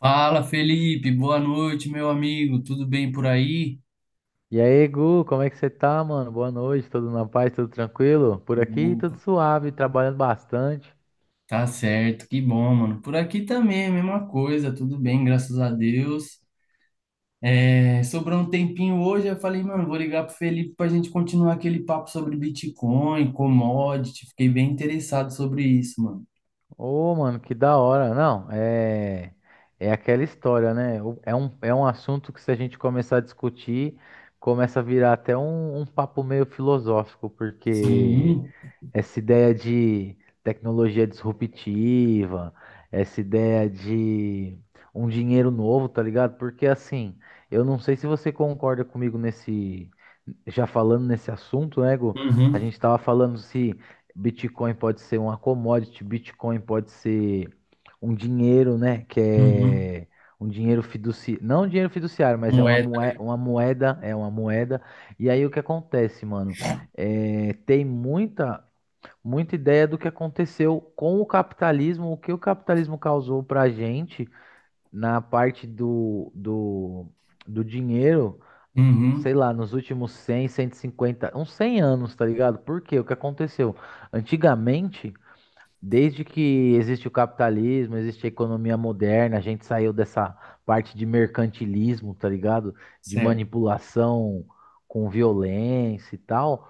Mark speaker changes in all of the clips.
Speaker 1: Fala, Felipe, boa noite, meu amigo. Tudo bem por aí?
Speaker 2: E aí, Gu, como é que você tá, mano? Boa noite, tudo na paz, tudo tranquilo? Por aqui,
Speaker 1: Opa,
Speaker 2: tudo suave, trabalhando bastante.
Speaker 1: tá certo, que bom, mano. Por aqui também, é a mesma coisa, tudo bem, graças a Deus. É, sobrou um tempinho hoje, eu falei, mano, vou ligar pro Felipe pra gente continuar aquele papo sobre Bitcoin, commodity. Fiquei bem interessado sobre isso, mano.
Speaker 2: Ô, mano, que da hora. Não, é aquela história, né? É um assunto que se a gente começar a discutir, começa a virar até um papo meio filosófico, porque
Speaker 1: Sim.
Speaker 2: essa ideia de tecnologia disruptiva, essa ideia de um dinheiro novo, tá ligado? Porque assim, eu não sei se você concorda comigo nesse, já falando nesse assunto, né, Gu? A
Speaker 1: Uhum.
Speaker 2: gente tava falando se Bitcoin pode ser uma commodity, Bitcoin pode ser um dinheiro, né, que
Speaker 1: Uhum.
Speaker 2: é um dinheiro fiduciário, não um dinheiro fiduciário, mas é
Speaker 1: Moeda.
Speaker 2: uma moeda, é uma moeda. E aí o que acontece, mano? É, tem muita muita ideia do que aconteceu com o capitalismo, o que o capitalismo causou para a gente na parte do dinheiro,
Speaker 1: Uhum.
Speaker 2: sei lá, nos últimos 100, 150, uns 100 anos, tá ligado? Por quê? O que aconteceu? Antigamente, desde que existe o capitalismo, existe a economia moderna, a gente saiu dessa parte de mercantilismo, tá ligado? De
Speaker 1: Certo.
Speaker 2: manipulação com violência e tal.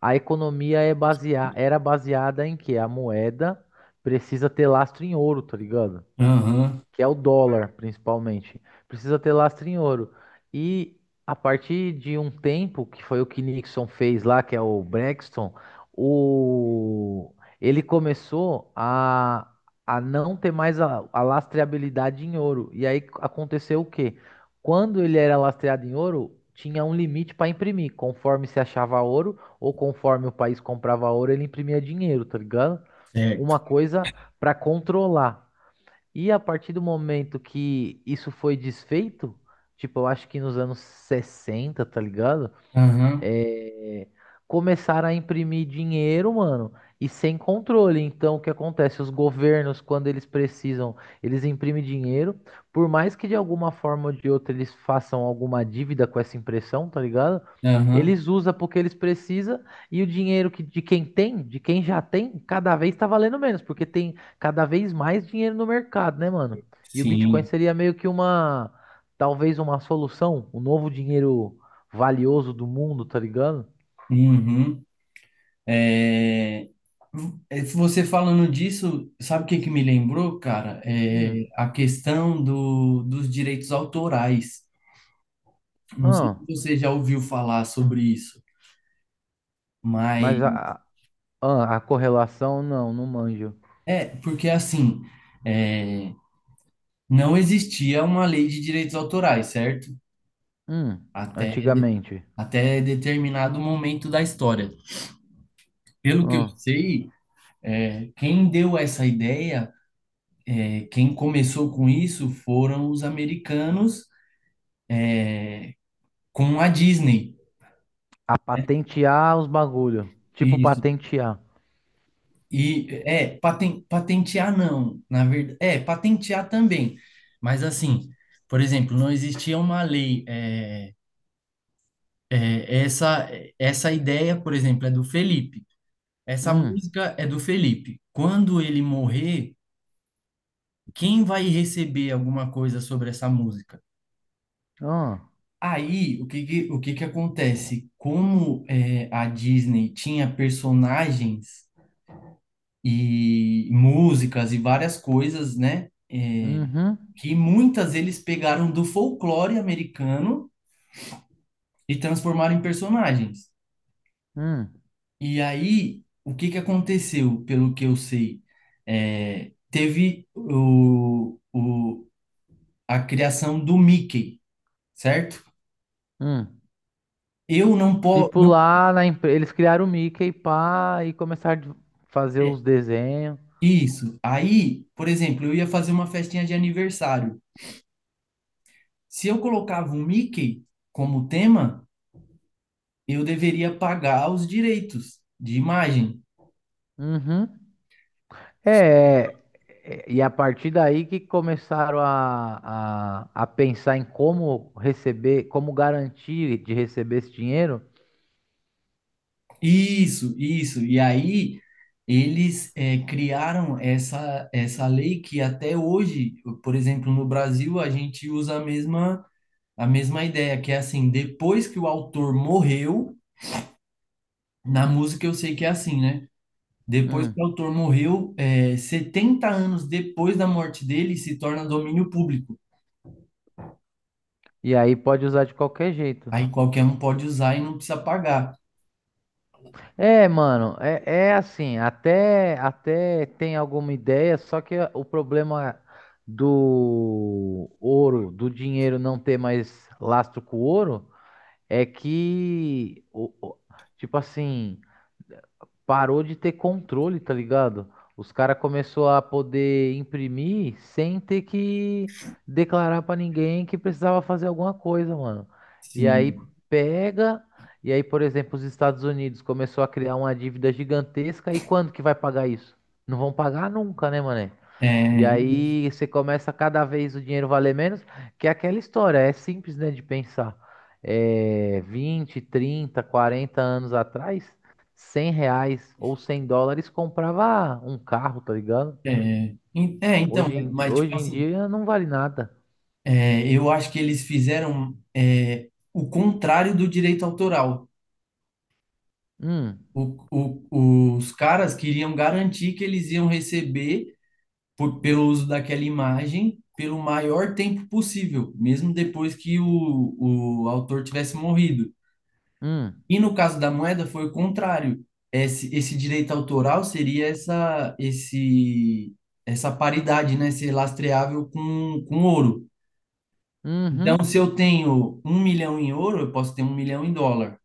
Speaker 2: A economia era baseada em que a moeda precisa ter lastro em ouro, tá ligado?
Speaker 1: Aham.
Speaker 2: Que é o dólar, principalmente. Precisa ter lastro em ouro. E a partir de um tempo, que foi o que Nixon fez lá, que é o Braxton, o... ele começou a não ter mais a lastreabilidade em ouro. E aí aconteceu o quê? Quando ele era lastreado em ouro, tinha um limite para imprimir. Conforme se achava ouro, ou conforme o país comprava ouro, ele imprimia dinheiro, tá ligado?
Speaker 1: Certo.
Speaker 2: Uma coisa para controlar. E a partir do momento que isso foi desfeito, tipo, eu acho que nos anos 60, tá ligado?
Speaker 1: Aham.
Speaker 2: é, Começaram a imprimir dinheiro, mano, e sem controle. Então, o que acontece? Os governos, quando eles precisam, eles imprimem dinheiro, por mais que de alguma forma ou de outra eles façam alguma dívida com essa impressão, tá ligado?
Speaker 1: Aham.
Speaker 2: Eles usam porque eles precisam e o dinheiro que, de quem tem, de quem já tem, cada vez tá valendo menos, porque tem cada vez mais dinheiro no mercado, né, mano? E o Bitcoin
Speaker 1: Sim.
Speaker 2: seria meio que uma, talvez uma solução, um novo dinheiro valioso do mundo, tá ligado?
Speaker 1: Uhum. É, é, você falando disso, sabe o que me lembrou, cara? É
Speaker 2: Hum.
Speaker 1: a questão do, dos direitos autorais. Não sei
Speaker 2: Ah,
Speaker 1: se você já ouviu falar sobre isso, mas
Speaker 2: mas a correlação não, não manjo.
Speaker 1: é porque assim, é, não existia uma lei de direitos autorais, certo?
Speaker 2: Hum.
Speaker 1: Até,
Speaker 2: Antigamente.
Speaker 1: até determinado momento da história. Pelo que eu
Speaker 2: Ah,
Speaker 1: sei, quem deu essa ideia, quem começou com isso foram os americanos com a Disney.
Speaker 2: a patentear os bagulho. Tipo
Speaker 1: Isso.
Speaker 2: patentear.
Speaker 1: E é, patentear não, na verdade, patentear também. Mas assim, por exemplo, não existia uma lei é, essa essa ideia, por exemplo, é do Felipe. Essa
Speaker 2: Hum.
Speaker 1: música é do Felipe. Quando ele morrer, quem vai receber alguma coisa sobre essa música?
Speaker 2: Ah.
Speaker 1: Aí, o que que acontece? Como é, a Disney tinha personagens e músicas e várias coisas, né? É,
Speaker 2: Uhum.
Speaker 1: que muitas eles pegaram do folclore americano e transformaram em personagens.
Speaker 2: Hum.
Speaker 1: E aí, o que que aconteceu, pelo que eu sei? Teve a criação do Mickey, certo?
Speaker 2: Hum.
Speaker 1: Eu não posso.
Speaker 2: Tipo
Speaker 1: Não,
Speaker 2: lá na empresa eles criaram o Mickey pá, e começaram a fazer
Speaker 1: é,
Speaker 2: os desenhos.
Speaker 1: isso. Aí, por exemplo, eu ia fazer uma festinha de aniversário. Se eu colocava o Mickey como tema, eu deveria pagar os direitos de imagem.
Speaker 2: Uhum. É, é, é, e a partir daí que começaram a pensar em como receber, como garantir de receber esse dinheiro.
Speaker 1: Isso, isso. E aí eles criaram essa lei que até hoje, por exemplo, no Brasil, a gente usa a mesma ideia, que é assim, depois que o autor morreu, na música eu sei que é assim, né? Depois que o
Speaker 2: Hum,
Speaker 1: autor morreu, 70 anos depois da morte dele, se torna domínio público.
Speaker 2: e aí pode usar de qualquer jeito.
Speaker 1: Aí qualquer um pode usar e não precisa pagar.
Speaker 2: É, mano, é assim, até tem alguma ideia, só que o problema do ouro, do dinheiro não ter mais lastro com o ouro, é que, tipo assim. Parou de ter controle, tá ligado? Os caras começou a poder imprimir sem ter que declarar pra ninguém que precisava fazer alguma coisa, mano. E aí
Speaker 1: Sim.
Speaker 2: pega, e aí, por exemplo, os Estados Unidos começou a criar uma dívida gigantesca, e quando que vai pagar isso? Não vão pagar nunca, né, mané? E
Speaker 1: É,
Speaker 2: aí você começa cada vez o dinheiro valer menos, que é aquela história, é simples, né, de pensar. É, 20, 30, 40 anos atrás, R$ 100 ou 100 dólares comprava um carro, tá ligado?
Speaker 1: É, en- é, então,
Speaker 2: Hoje
Speaker 1: é,
Speaker 2: em,
Speaker 1: mas tipo
Speaker 2: hoje em
Speaker 1: assim,
Speaker 2: dia não vale nada.
Speaker 1: eu acho que eles fizeram o contrário do direito autoral.
Speaker 2: Hum,
Speaker 1: O- os caras queriam garantir que eles iam receber pelo uso daquela imagem pelo maior tempo possível, mesmo depois que o autor tivesse morrido.
Speaker 2: hum,
Speaker 1: E no caso da moeda foi o contrário. Esse direito autoral seria essa paridade, né, ser lastreável com ouro. Então, se
Speaker 2: uhum,
Speaker 1: eu tenho 1 milhão em ouro, eu posso ter 1 milhão em dólar.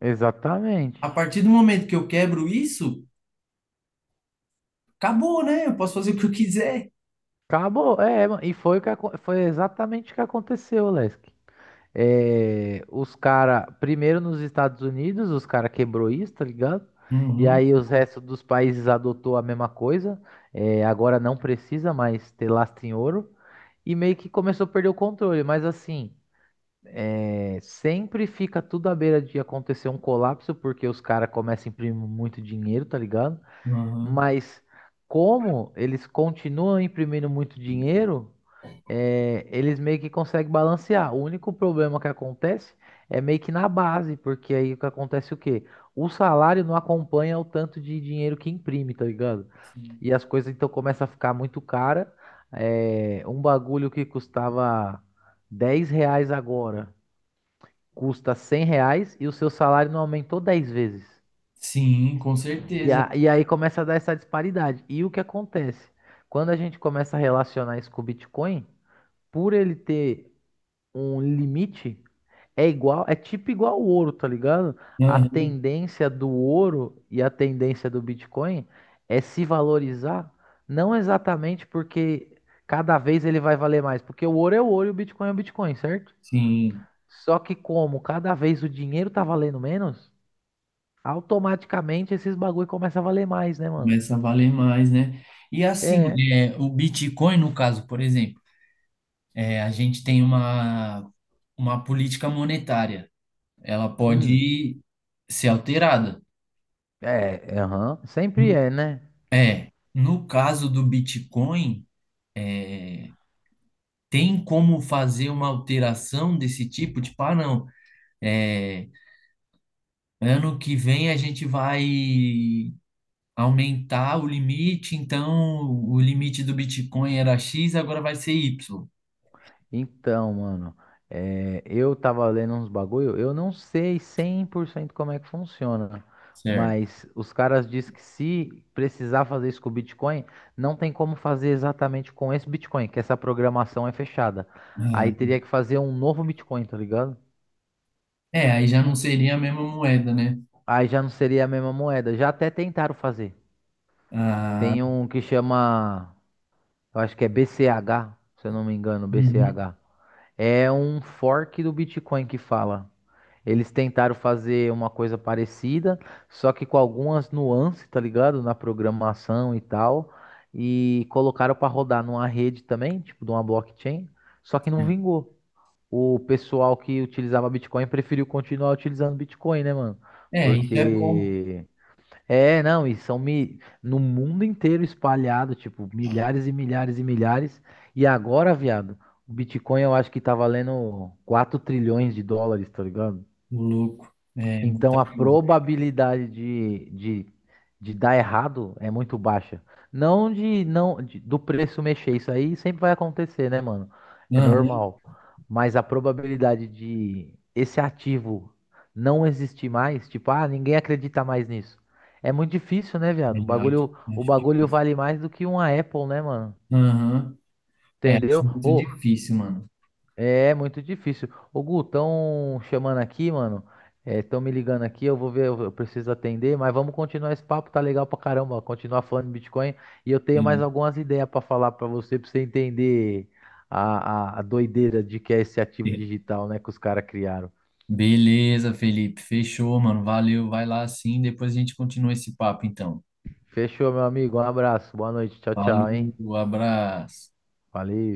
Speaker 2: exatamente.
Speaker 1: A partir do momento que eu quebro isso, acabou, né? Eu posso fazer o que eu quiser.
Speaker 2: Acabou, é, e foi, o que, foi exatamente o que aconteceu, Lesk. É, os cara, primeiro nos Estados Unidos, os cara quebrou isso, tá ligado? E
Speaker 1: Uhum,
Speaker 2: aí os restos dos países adotou a mesma coisa. É, agora não precisa mais ter lastro em ouro. E meio que começou a perder o controle. Mas assim, é, sempre fica tudo à beira de acontecer um colapso, porque os caras começam a imprimir muito dinheiro, tá ligado?
Speaker 1: uhum,
Speaker 2: Mas como eles continuam imprimindo muito dinheiro, eles meio que conseguem balancear. O único problema que acontece é meio que na base, porque aí o que acontece é o quê? O salário não acompanha o tanto de dinheiro que imprime, tá ligado?
Speaker 1: sim.
Speaker 2: E as coisas então começam a ficar muito cara. É, um bagulho que custava R$ 10 agora custa R$ 100 e o seu salário não aumentou 10 vezes.
Speaker 1: Sim, com
Speaker 2: E,
Speaker 1: certeza.
Speaker 2: a- e aí começa a dar essa disparidade. E o que acontece? Quando a gente começa a relacionar isso com o Bitcoin, por ele ter um limite é igual, é tipo igual o ouro, tá ligado? A
Speaker 1: Uhum,
Speaker 2: tendência do ouro e a tendência do Bitcoin é se valorizar, não exatamente porque cada vez ele vai valer mais, porque o ouro é o ouro e o Bitcoin é o Bitcoin, certo?
Speaker 1: sim,
Speaker 2: Só que como cada vez o dinheiro tá valendo menos, automaticamente esses bagulho começa a valer mais, né, mano?
Speaker 1: começa a valer mais, né? E assim,
Speaker 2: É.
Speaker 1: o Bitcoin, no caso, por exemplo, a gente tem uma política monetária. Ela
Speaker 2: Hum.
Speaker 1: pode ser alterada.
Speaker 2: É, aham. Sempre
Speaker 1: No-
Speaker 2: é, né?
Speaker 1: É, no caso do Bitcoin, é, tem como fazer uma alteração desse tipo? Tipo, ah, não, é, ano que vem a gente vai aumentar o limite, então o limite do Bitcoin era X, agora vai ser Y.
Speaker 2: Então, mano, eu tava lendo uns bagulho, eu não sei 100% como é que funciona,
Speaker 1: Certo.
Speaker 2: mas os caras dizem que se precisar fazer isso com o Bitcoin, não tem como fazer exatamente com esse Bitcoin, que essa programação é fechada.
Speaker 1: Ah,
Speaker 2: Aí teria que fazer um novo Bitcoin, tá ligado?
Speaker 1: é, aí já não seria a mesma moeda, né?
Speaker 2: Aí já não seria a mesma moeda. Já até tentaram fazer.
Speaker 1: Ah,
Speaker 2: Tem um que chama, eu acho que é BCH, se eu não me engano,
Speaker 1: uhum,
Speaker 2: BCH. É um fork do Bitcoin que fala. Eles tentaram fazer uma coisa parecida, só que com algumas nuances, tá ligado? Na programação e tal. E colocaram para rodar numa rede também, tipo de uma blockchain, só que não
Speaker 1: certo.
Speaker 2: vingou. O pessoal que utilizava Bitcoin preferiu continuar utilizando Bitcoin, né, mano?
Speaker 1: É, isso é bom,
Speaker 2: Porque é, não, e são no mundo inteiro espalhado, tipo, milhares e milhares e milhares. E agora, viado, o Bitcoin eu acho que tá valendo 4 trilhões de dólares, tá ligado?
Speaker 1: ô louco. É,
Speaker 2: Então
Speaker 1: muita
Speaker 2: a
Speaker 1: coisa.
Speaker 2: probabilidade de dar errado é muito baixa. Não do preço mexer, isso aí sempre vai acontecer, né, mano? É
Speaker 1: Aham,
Speaker 2: normal. Mas a probabilidade de esse ativo não existir mais, tipo, ah, ninguém acredita mais nisso. É muito difícil, né, viado? O
Speaker 1: é, acho,
Speaker 2: bagulho, o
Speaker 1: acho
Speaker 2: bagulho
Speaker 1: difícil.
Speaker 2: vale mais do que uma Apple, né, mano?
Speaker 1: Aham, é, acho
Speaker 2: Entendeu?
Speaker 1: muito
Speaker 2: Ou
Speaker 1: difícil, mano.
Speaker 2: é muito difícil. Ô, Gu, estão chamando aqui, mano. Estão me ligando aqui, eu vou ver, eu preciso atender, mas vamos continuar esse papo, tá legal pra caramba, continuar falando de Bitcoin. E eu tenho mais algumas ideias pra falar pra você entender a doideira de que é esse ativo digital, né, que os caras criaram.
Speaker 1: Beleza, Felipe. Fechou, mano. Valeu. Vai lá sim. Depois a gente continua esse papo, então.
Speaker 2: Fechou, meu amigo, um abraço, boa noite, tchau, tchau, hein?
Speaker 1: Falou, abraço.
Speaker 2: Valeu.